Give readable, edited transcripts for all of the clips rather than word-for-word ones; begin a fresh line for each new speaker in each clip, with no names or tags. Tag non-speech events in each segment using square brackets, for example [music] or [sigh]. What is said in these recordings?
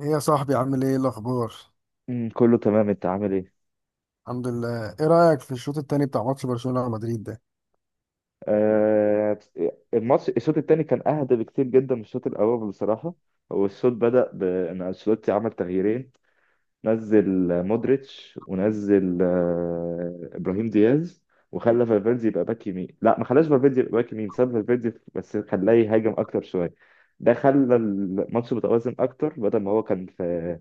ايه يا صاحبي، عامل ايه؟ إيه الاخبار؟
كله تمام، انت عامل ايه؟
الحمد لله. ايه رايك في الشوط التاني بتاع ماتش برشلونه ومدريد ده؟
آه. الماتش الشوط الثاني كان اهدى بكتير جدا من الشوط الاول بصراحه. والشوط بدأ بان انشيلوتي عمل تغييرين. نزل مودريتش، ونزل ابراهيم دياز، وخلى فالفيردي يبقى باك يمين. لا، ما خلاش فالفيردي يبقى باك يمين، ساب فالفيردي بس خلاه يهاجم اكتر شويه. ده خلى الماتش متوازن اكتر بدل ما هو كان في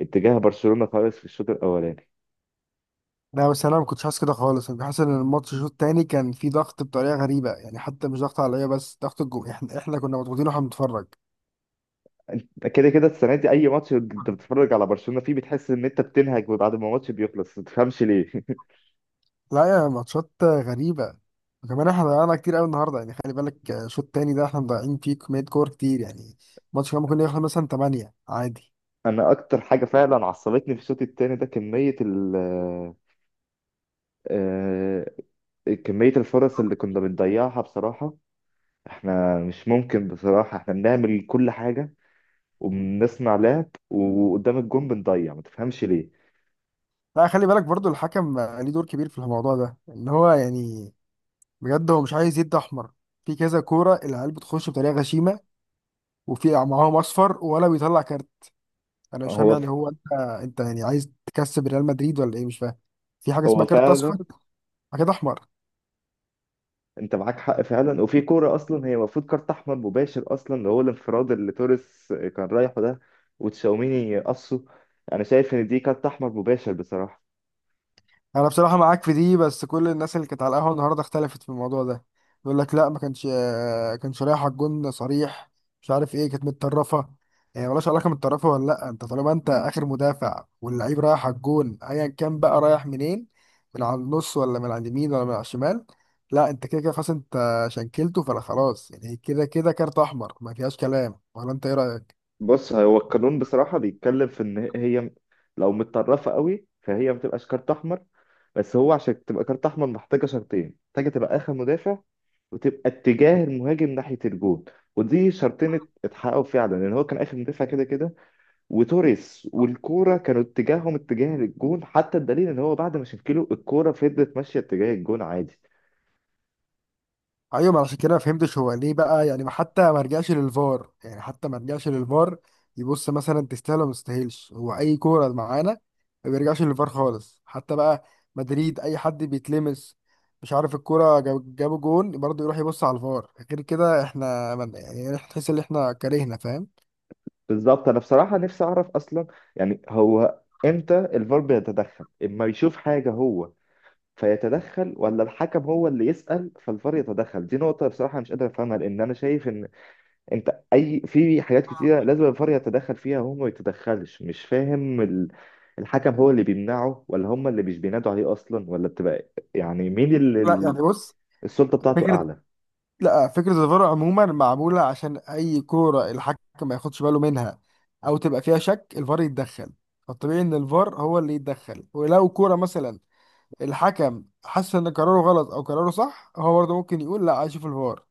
اتجاه برشلونه خالص في الشوط الاولاني.
لا بس انا ما كنتش حاسس كده خالص، انا كنت حاسس ان الماتش الشوط التاني كان فيه ضغط بطريقه غريبه يعني، حتى مش ضغط عليا بس ضغط الجو، احنا [laughs] احنا كنا مضغوطين واحنا بنتفرج.
كده كده السنه دي اي ماتش انت بتتفرج على برشلونه فيه بتحس ان انت بتنهج بعد ما الماتش بيخلص، ما تفهمش ليه.
لا يا ماتشات غريبه. وكمان احنا ضيعنا كتير قوي النهارده يعني، خلي بالك الشوط التاني ده احنا مضيعين فيه كميه كور كتير يعني. الماتش كان ممكن يخلص مثلا 8 عادي.
[laughs] انا اكتر حاجه فعلا عصبتني في الشوط الثاني ده كميه ال آه، آه، كميه الفرص اللي كنا بنضيعها بصراحه. احنا مش ممكن، بصراحه احنا بنعمل كل حاجه وبنصنع لعب وقدام الجون بنضيع، ما تفهمش ليه.
لا خلي بالك برضو، الحكم ليه دور كبير في الموضوع ده، ان هو يعني بجد هو مش عايز يدي احمر. في كذا كوره العيال بتخش بطريقه غشيمه، وفي معاهم اصفر ولا بيطلع كارت. انا مش فاهم
هو
يعني،
ف...
هو انت، انت يعني عايز تكسب ريال مدريد ولا ايه؟ مش فاهم. في حاجه
هو
اسمها كارت
فعلا
اصفر، حاجه احمر.
انت معاك حق فعلا. وفي كوره اصلا هي المفروض كارت احمر مباشر اصلا، اللي هو الانفراد اللي توريس كان رايحه ده وتشاوميني قصه. انا شايف ان دي كارت احمر مباشر بصراحه.
انا بصراحه معاك في دي، بس كل الناس اللي كانت على القهوه النهارده اختلفت في الموضوع ده. يقول لك لا ما كانش كانش رايح على الجون صريح، مش عارف ايه، كانت متطرفه. يعني ملهاش علاقه متطرفه ولا لا، انت طالما انت اخر مدافع واللعيب رايح على الجون ايا كان بقى رايح منين، من على النص ولا من على اليمين ولا من على الشمال، لا انت كده كده خلاص، انت شنكلته فلا خلاص يعني، كده كده كارت احمر ما فيهاش كلام. ولا انت ايه رايك؟
بص، هو القانون بصراحه بيتكلم في ان هي لو متطرفه قوي فهي ما تبقاش كارت احمر. بس هو عشان تبقى كارت احمر محتاجه شرطين: محتاجه تبقى اخر مدافع، وتبقى اتجاه المهاجم ناحيه الجون. ودي شرطين اتحققوا فعلا، لان هو كان اخر مدافع كده كده، وتوريس والكوره كانوا اتجاههم اتجاه للجون. حتى الدليل ان هو بعد ما شكله، الكوره فضلت ماشيه اتجاه الجون عادي.
ايوه، ما عشان كده ما فهمتش هو ليه بقى يعني، حتى ما رجعش للفار، يعني حتى ما رجعش للفار يبص مثلا تستاهل ولا ما تستاهلش. هو اي كوره معانا ما بيرجعش للفار خالص حتى بقى. مدريد اي حد بيتلمس، مش عارف، الكوره جابوا جون برضه يروح يبص على الفار. غير كده احنا من يعني، تحس ان احنا كرهنا، فاهم؟
بالظبط، انا بصراحه نفسي اعرف اصلا، يعني هو امتى الفار بيتدخل؟ اما يشوف حاجه هو فيتدخل، ولا الحكم هو اللي يسأل فالفار يتدخل؟ دي نقطة بصراحة مش قادر أفهمها، لأن أنا شايف إن أنت أي في حاجات كتيرة لازم الفار يتدخل فيها وهو ما يتدخلش. مش فاهم، الحكم هو اللي بيمنعه، ولا هم اللي مش بينادوا عليه أصلا، ولا بتبقى يعني مين
لا
اللي
يعني بص،
السلطة بتاعته
فكره،
أعلى؟
لا فكرة الفار عموما معمولة عشان أي كورة الحكم ما ياخدش باله منها أو تبقى فيها شك الفار يتدخل. فالطبيعي إن الفار هو اللي يتدخل، ولو كورة مثلا الحكم حس إن قراره غلط أو قراره صح، هو برضه ممكن يقول لا عايز أشوف الفار.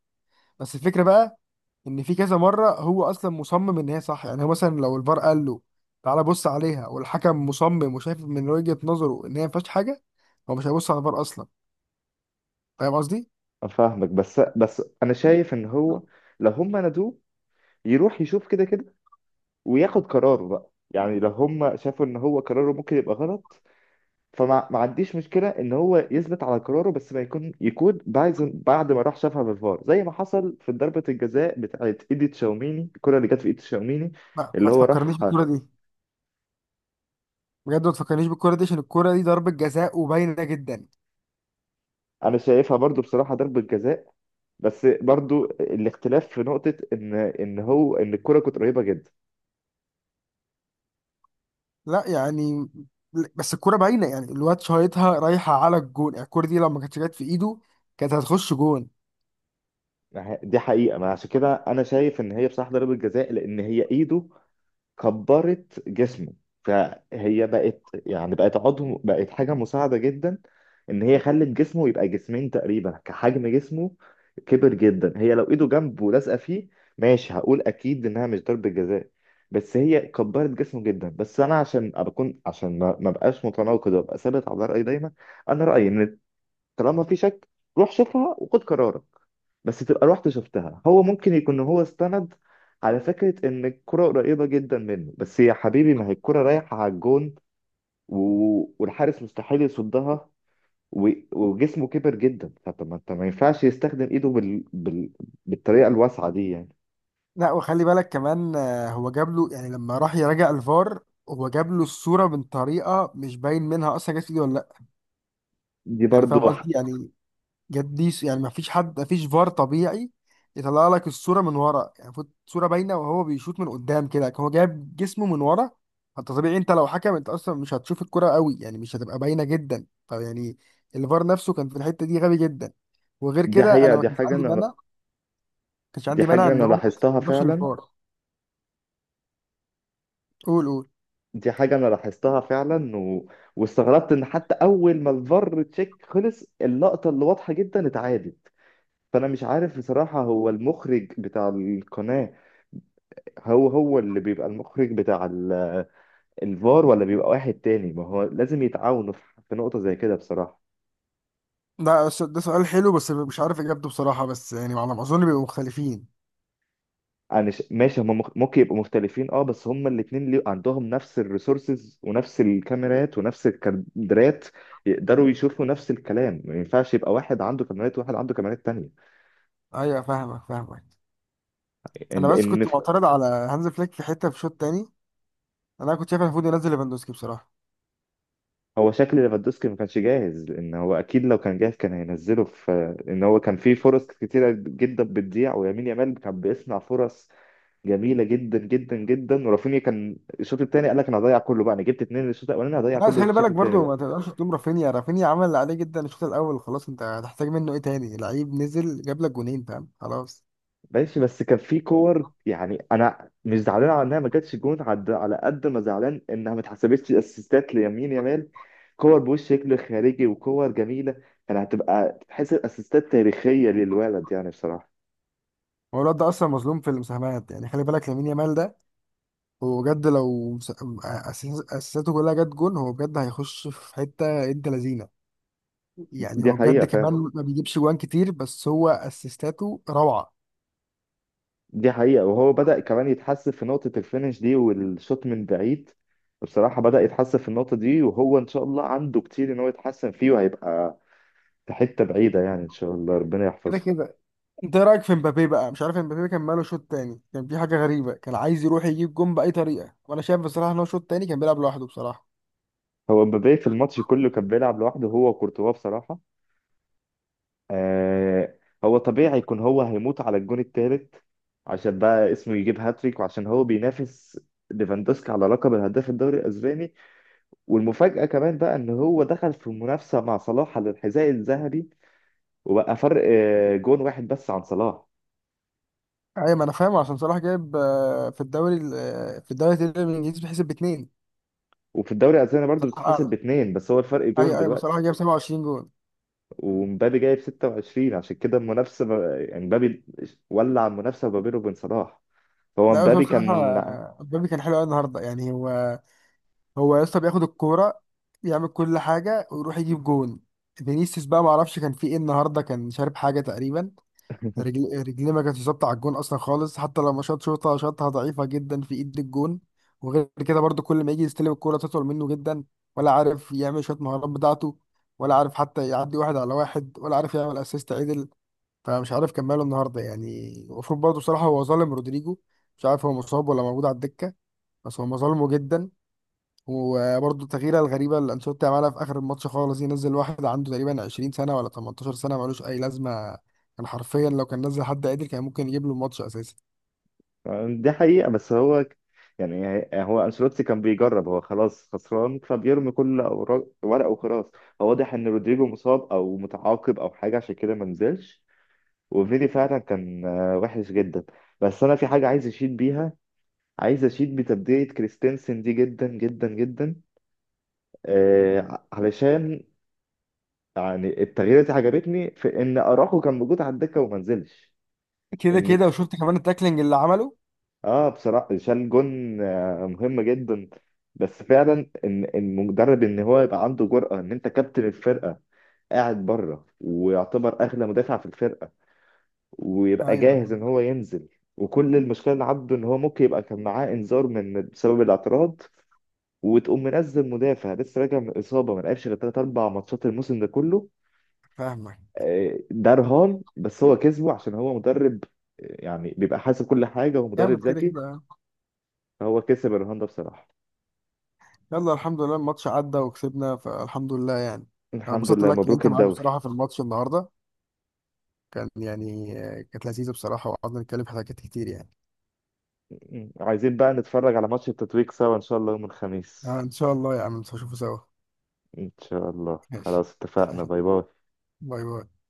بس الفكرة بقى، إن في كذا مرة هو أصلا مصمم إن هي صح، يعني هو مثلا لو الفار قال له تعالى بص عليها، والحكم مصمم وشايف من وجهة نظره إن هي ما فيهاش حاجة، هو مش هيبص على الفار أصلا. فاهم قصدي؟
أفهمك، بس أنا شايف إن هو لو هم نادوه يروح يشوف، كده كده وياخد قراره بقى. يعني لو هم شافوا إن هو قراره ممكن يبقى غلط، فما ما عنديش مشكلة إن هو يثبت على قراره، بس ما يكون بعد ما راح شافها بالفار، زي ما حصل في ضربة الجزاء بتاعت إيدي تشاوميني، الكرة اللي جت في إيدي تشاوميني
ما
اللي هو
تفكرنيش
راح.
الكورة دي، بجد ما تفكرنيش بالكرة دي، عشان الكرة دي ضربة جزاء وباينة جدا.
أنا شايفها برضو بصراحة ضربة جزاء، بس برضو الاختلاف في نقطة إن هو إن الكرة كانت قريبة جدا.
لا يعني، بس الكرة باينة يعني، الواد شايطها رايحة على الجون، يعني الكرة دي لو ما كانتش جت في ايده كانت هتخش جون.
دي حقيقة. ما عشان كده أنا شايف إن هي بصراحة ضربة جزاء، لأن هي إيده كبرت جسمه، فهي بقت يعني بقت عضو، بقت حاجة مساعدة جدا. إن هي خلت جسمه يبقى جسمين تقريبا، كحجم جسمه كبر جدا. هي لو إيده جنبه ولازقة فيه، ماشي، هقول أكيد إنها مش ضربة جزاء، بس هي كبرت جسمه جدا. بس أنا عشان أكون، عشان ما بقاش متناقض وأبقى ثابت على رأيي دايما، أنا رأيي إن طالما في شك، روح شوفها وخد قرارك. بس تبقى رحت شفتها. هو ممكن يكون هو استند على فكرة إن الكرة قريبة جدا منه، بس يا حبيبي ما هي الكرة رايحة على الجون و... والحارس مستحيل يصدها، وجسمه كبر جدا. فطب ما انت، ما ينفعش يستخدم ايده بالطريقة الواسعة دي يعني.
لا وخلي بالك كمان هو جاب له يعني لما راح يراجع الفار، هو جاب له الصورة من طريقة مش باين منها اصلا جت في ايده ولا لا.
دي
يعني
برضو
فاهم
ح-
قصدي يعني، يعني ما فيش حد، ما فيش فار طبيعي يطلع لك الصوره من ورا يعني، فوت صوره باينه وهو بيشوط من قدام كده، هو جايب جسمه من ورا. انت طبيعي انت لو حكم انت اصلا مش هتشوف الكرة قوي يعني، مش هتبقى باينه جدا فيعني، الفار نفسه كان في الحته دي غبي جدا. وغير
دي
كده انا
حقيقة
ما كانش عندي مانع، ما كانش
دي
عندي مانع
حاجة
ان
أنا
هو ما
لاحظتها
يروحش
فعلا.
للفار. قول قول.
دي حاجة أنا لاحظتها فعلا، واستغربت إن حتى أول ما الفار تشيك خلص، اللقطة اللي واضحة جدا اتعادت. فانا مش عارف بصراحة، هو المخرج بتاع القناة هو هو اللي بيبقى المخرج بتاع الفار، ولا بيبقى واحد تاني؟ ما هو لازم يتعاونوا في في نقطة زي كده بصراحة.
ده سؤال حلو بس مش عارف اجابته بصراحه، بس يعني على ما اظن بيبقوا مختلفين.
ماشي، هم ممكن يبقوا مختلفين، اه، بس هم الاتنين ليه عندهم نفس الريسورسز ونفس الكاميرات ونفس الكادرات يقدروا يشوفوا نفس الكلام. ما ينفعش يبقى واحد عنده كاميرات وواحد عنده كاميرات تانية،
ايوه فاهمك فاهمك.
لان
انا بس
لأن
كنت معترض على هانز فليك في حته في شوط تاني، انا كنت شايف المفروض ينزل ليفاندوسكي بصراحه.
هو شكل ليفاندوسكي ما كانش جاهز، لان هو اكيد لو كان جاهز كان هينزله في ان هو كان في فرص كتيره جدا بتضيع. ويمين يامال كان بيصنع فرص جميله جدا جدا جدا. ورافينيا كان الشوط الثاني قال لك انا هضيع كله بقى، انا جبت اتنين الشوط الاولاني، هضيع
لا بس
كله في
خلي
الشوط
بالك
الثاني
برضو، ما
بقى.
تقدرش تلوم رافينيا، رافينيا عمل اللي عليه جدا الشوط الاول، خلاص انت هتحتاج منه ايه تاني؟ لعيب نزل جاب لك جونين، فاهم؟ خلاص.
ماشي، بس كان في كور. يعني انا مش زعلان على انها ما جاتش جون على قد ما زعلان انها ما اتحسبتش اسيستات ليمين يامال. كور بوش شكل خارجي وكور جميله، كانت هتبقى تحس اسيستات تاريخيه للولد يعني بصراحه.
هو الواد ده اصلا مظلوم في المساهمات يعني، خلي بالك لامين يامال ده، هو بجد لو اساساته كلها جت جون هو بجد هيخش في حته انت لذينه. يعني
دي
هو
حقيقة
بجد
فعلا.
كمان ما بيجيبش جوان كتير، بس هو اسيستاته روعه.
دي حقيقة. وهو بدأ كمان يتحسن في نقطة الفينش دي والشوط من بعيد بصراحة، بدأ يتحسن في النقطة دي، وهو إن شاء الله عنده كتير إن هو يتحسن فيه وهيبقى في حتة بعيدة يعني إن شاء الله، ربنا
كده
يحفظه.
كده. انت ايه رايك في مبابي بقى؟ مش عارف، مبابي كان ماله شوط تاني؟ كان في حاجه غريبه، كان عايز يروح يجيب جون باي طريقه، وانا شايف بصراحه ان هو شوط تاني كان بيلعب لوحده بصراحه.
هو مبابي في الماتش كله كان بيلعب لوحده هو وكورتوا بصراحة. آه. هو طبيعي يكون هو هيموت على الجون التالت، عشان بقى اسمه يجيب هاتريك، وعشان هو بينافس ليفاندوسكي على لقب الهداف الدوري الأسباني. والمفاجأة كمان بقى إن هو دخل في منافسة مع صلاح على الحذاء الذهبي، وبقى فرق جون واحد بس عن صلاح.
ايوه، ما انا فاهم عشان صلاح جايب في الدوري ال- آه، في الدوري الانجليزي بيحسب باتنين.
وفي الدوري الأسباني برضو
صلاح
بتتحسب
اعلى.
باتنين، بس هو الفرق جون
ايوه ايوه صلاح
دلوقتي.
جايب 27 جون.
ومبابي جايب 26، عشان كده المنافسة يعني مبابي ولع المنافسة ما بينه وبين صلاح. هو
لا بس هو
مبابي
بصراحه
كان
مبابي كان حلو قوي النهارده يعني، هو هو يا اسطى بياخد الكوره يعمل كل حاجه ويروح يجيب جون. فينيسيوس بقى ما اعرفش كان في ايه النهارده، كان شارب حاجه تقريبا. رجليه ما كانتش ثابته على الجون اصلا خالص، حتى لما شاط شوطه شاطها ضعيفه جدا في ايد الجون. وغير كده برضو كل ما يجي يستلم الكوره تطول منه جدا، ولا عارف يعمل شويه مهارات بتاعته، ولا عارف حتى يعدي واحد على واحد، ولا عارف يعمل اسيست عدل. فمش عارف كان ماله النهارده يعني، المفروض برضو بصراحه، هو ظالم رودريجو. مش عارف هو مصاب ولا موجود على الدكه، بس هو ظالمه جدا. وبرضه التغييره الغريبه اللي انشيلوتي عملها في اخر الماتش خالص، ينزل واحد عنده تقريبا 20 سنه ولا 18 سنه، ملوش اي لازمه. كان حرفيا لو كان نزل حد قادر كان ممكن يجيب له الماتش اساسا.
دي حقيقة بس هو ك- يعني هو أنشيلوتي كان بيجرب، هو خلاص خسران فبيرمي كل ورقه وخلاص. هو واضح إن رودريجو مصاب أو متعاقب أو حاجة عشان كده ما نزلش. وفيدي فعلا كان وحش جدا. بس انا في حاجه عايز اشيد بيها، عايز اشيد بتبديه كريستنسن دي جدا جدا جدا. علشان يعني التغييرات دي عجبتني في ان اراخو كان موجود على الدكه وما نزلش.
كده
ان،
كده. وشفت كمان التاكلينج اللي عمله.
اه بصراحه شال جون آه مهم جدا. بس فعلا ان المدرب ان هو يبقى عنده جرأه ان انت كابتن الفرقه قاعد بره ويعتبر اغلى مدافع في الفرقه ويبقى
ايوه
جاهز ان هو ينزل، وكل المشكله اللي عنده ان هو ممكن يبقى كان معاه انذار من بسبب الاعتراض، وتقوم منزل مدافع لسه راجع من اصابه ما لعبش غير 3 4 ماتشات الموسم ده كله.
فاهمك.
ده رهان بس هو كسبه عشان هو مدرب يعني بيبقى حاسب كل حاجه ومدرب
جامد كده
ذكي.
كده.
فهو كسب الرهان ده بصراحه.
يلا الحمد لله الماتش عدى وكسبنا، فالحمد لله يعني. انا
الحمد
انبسطت
لله،
لك إن
مبروك
انت معاك
الدوري.
بصراحه في الماتش النهارده، كان يعني كانت لذيذه بصراحه وقعدنا نتكلم في حاجات كتير يعني.
عايزين بقى نتفرج على ماتش التتويج سوا ان شاء الله يوم الخميس.
آه ان شاء الله يا عم نشوفه سوا.
ان شاء الله،
ماشي.
خلاص اتفقنا،
[laughs]
باي باي.
باي باي.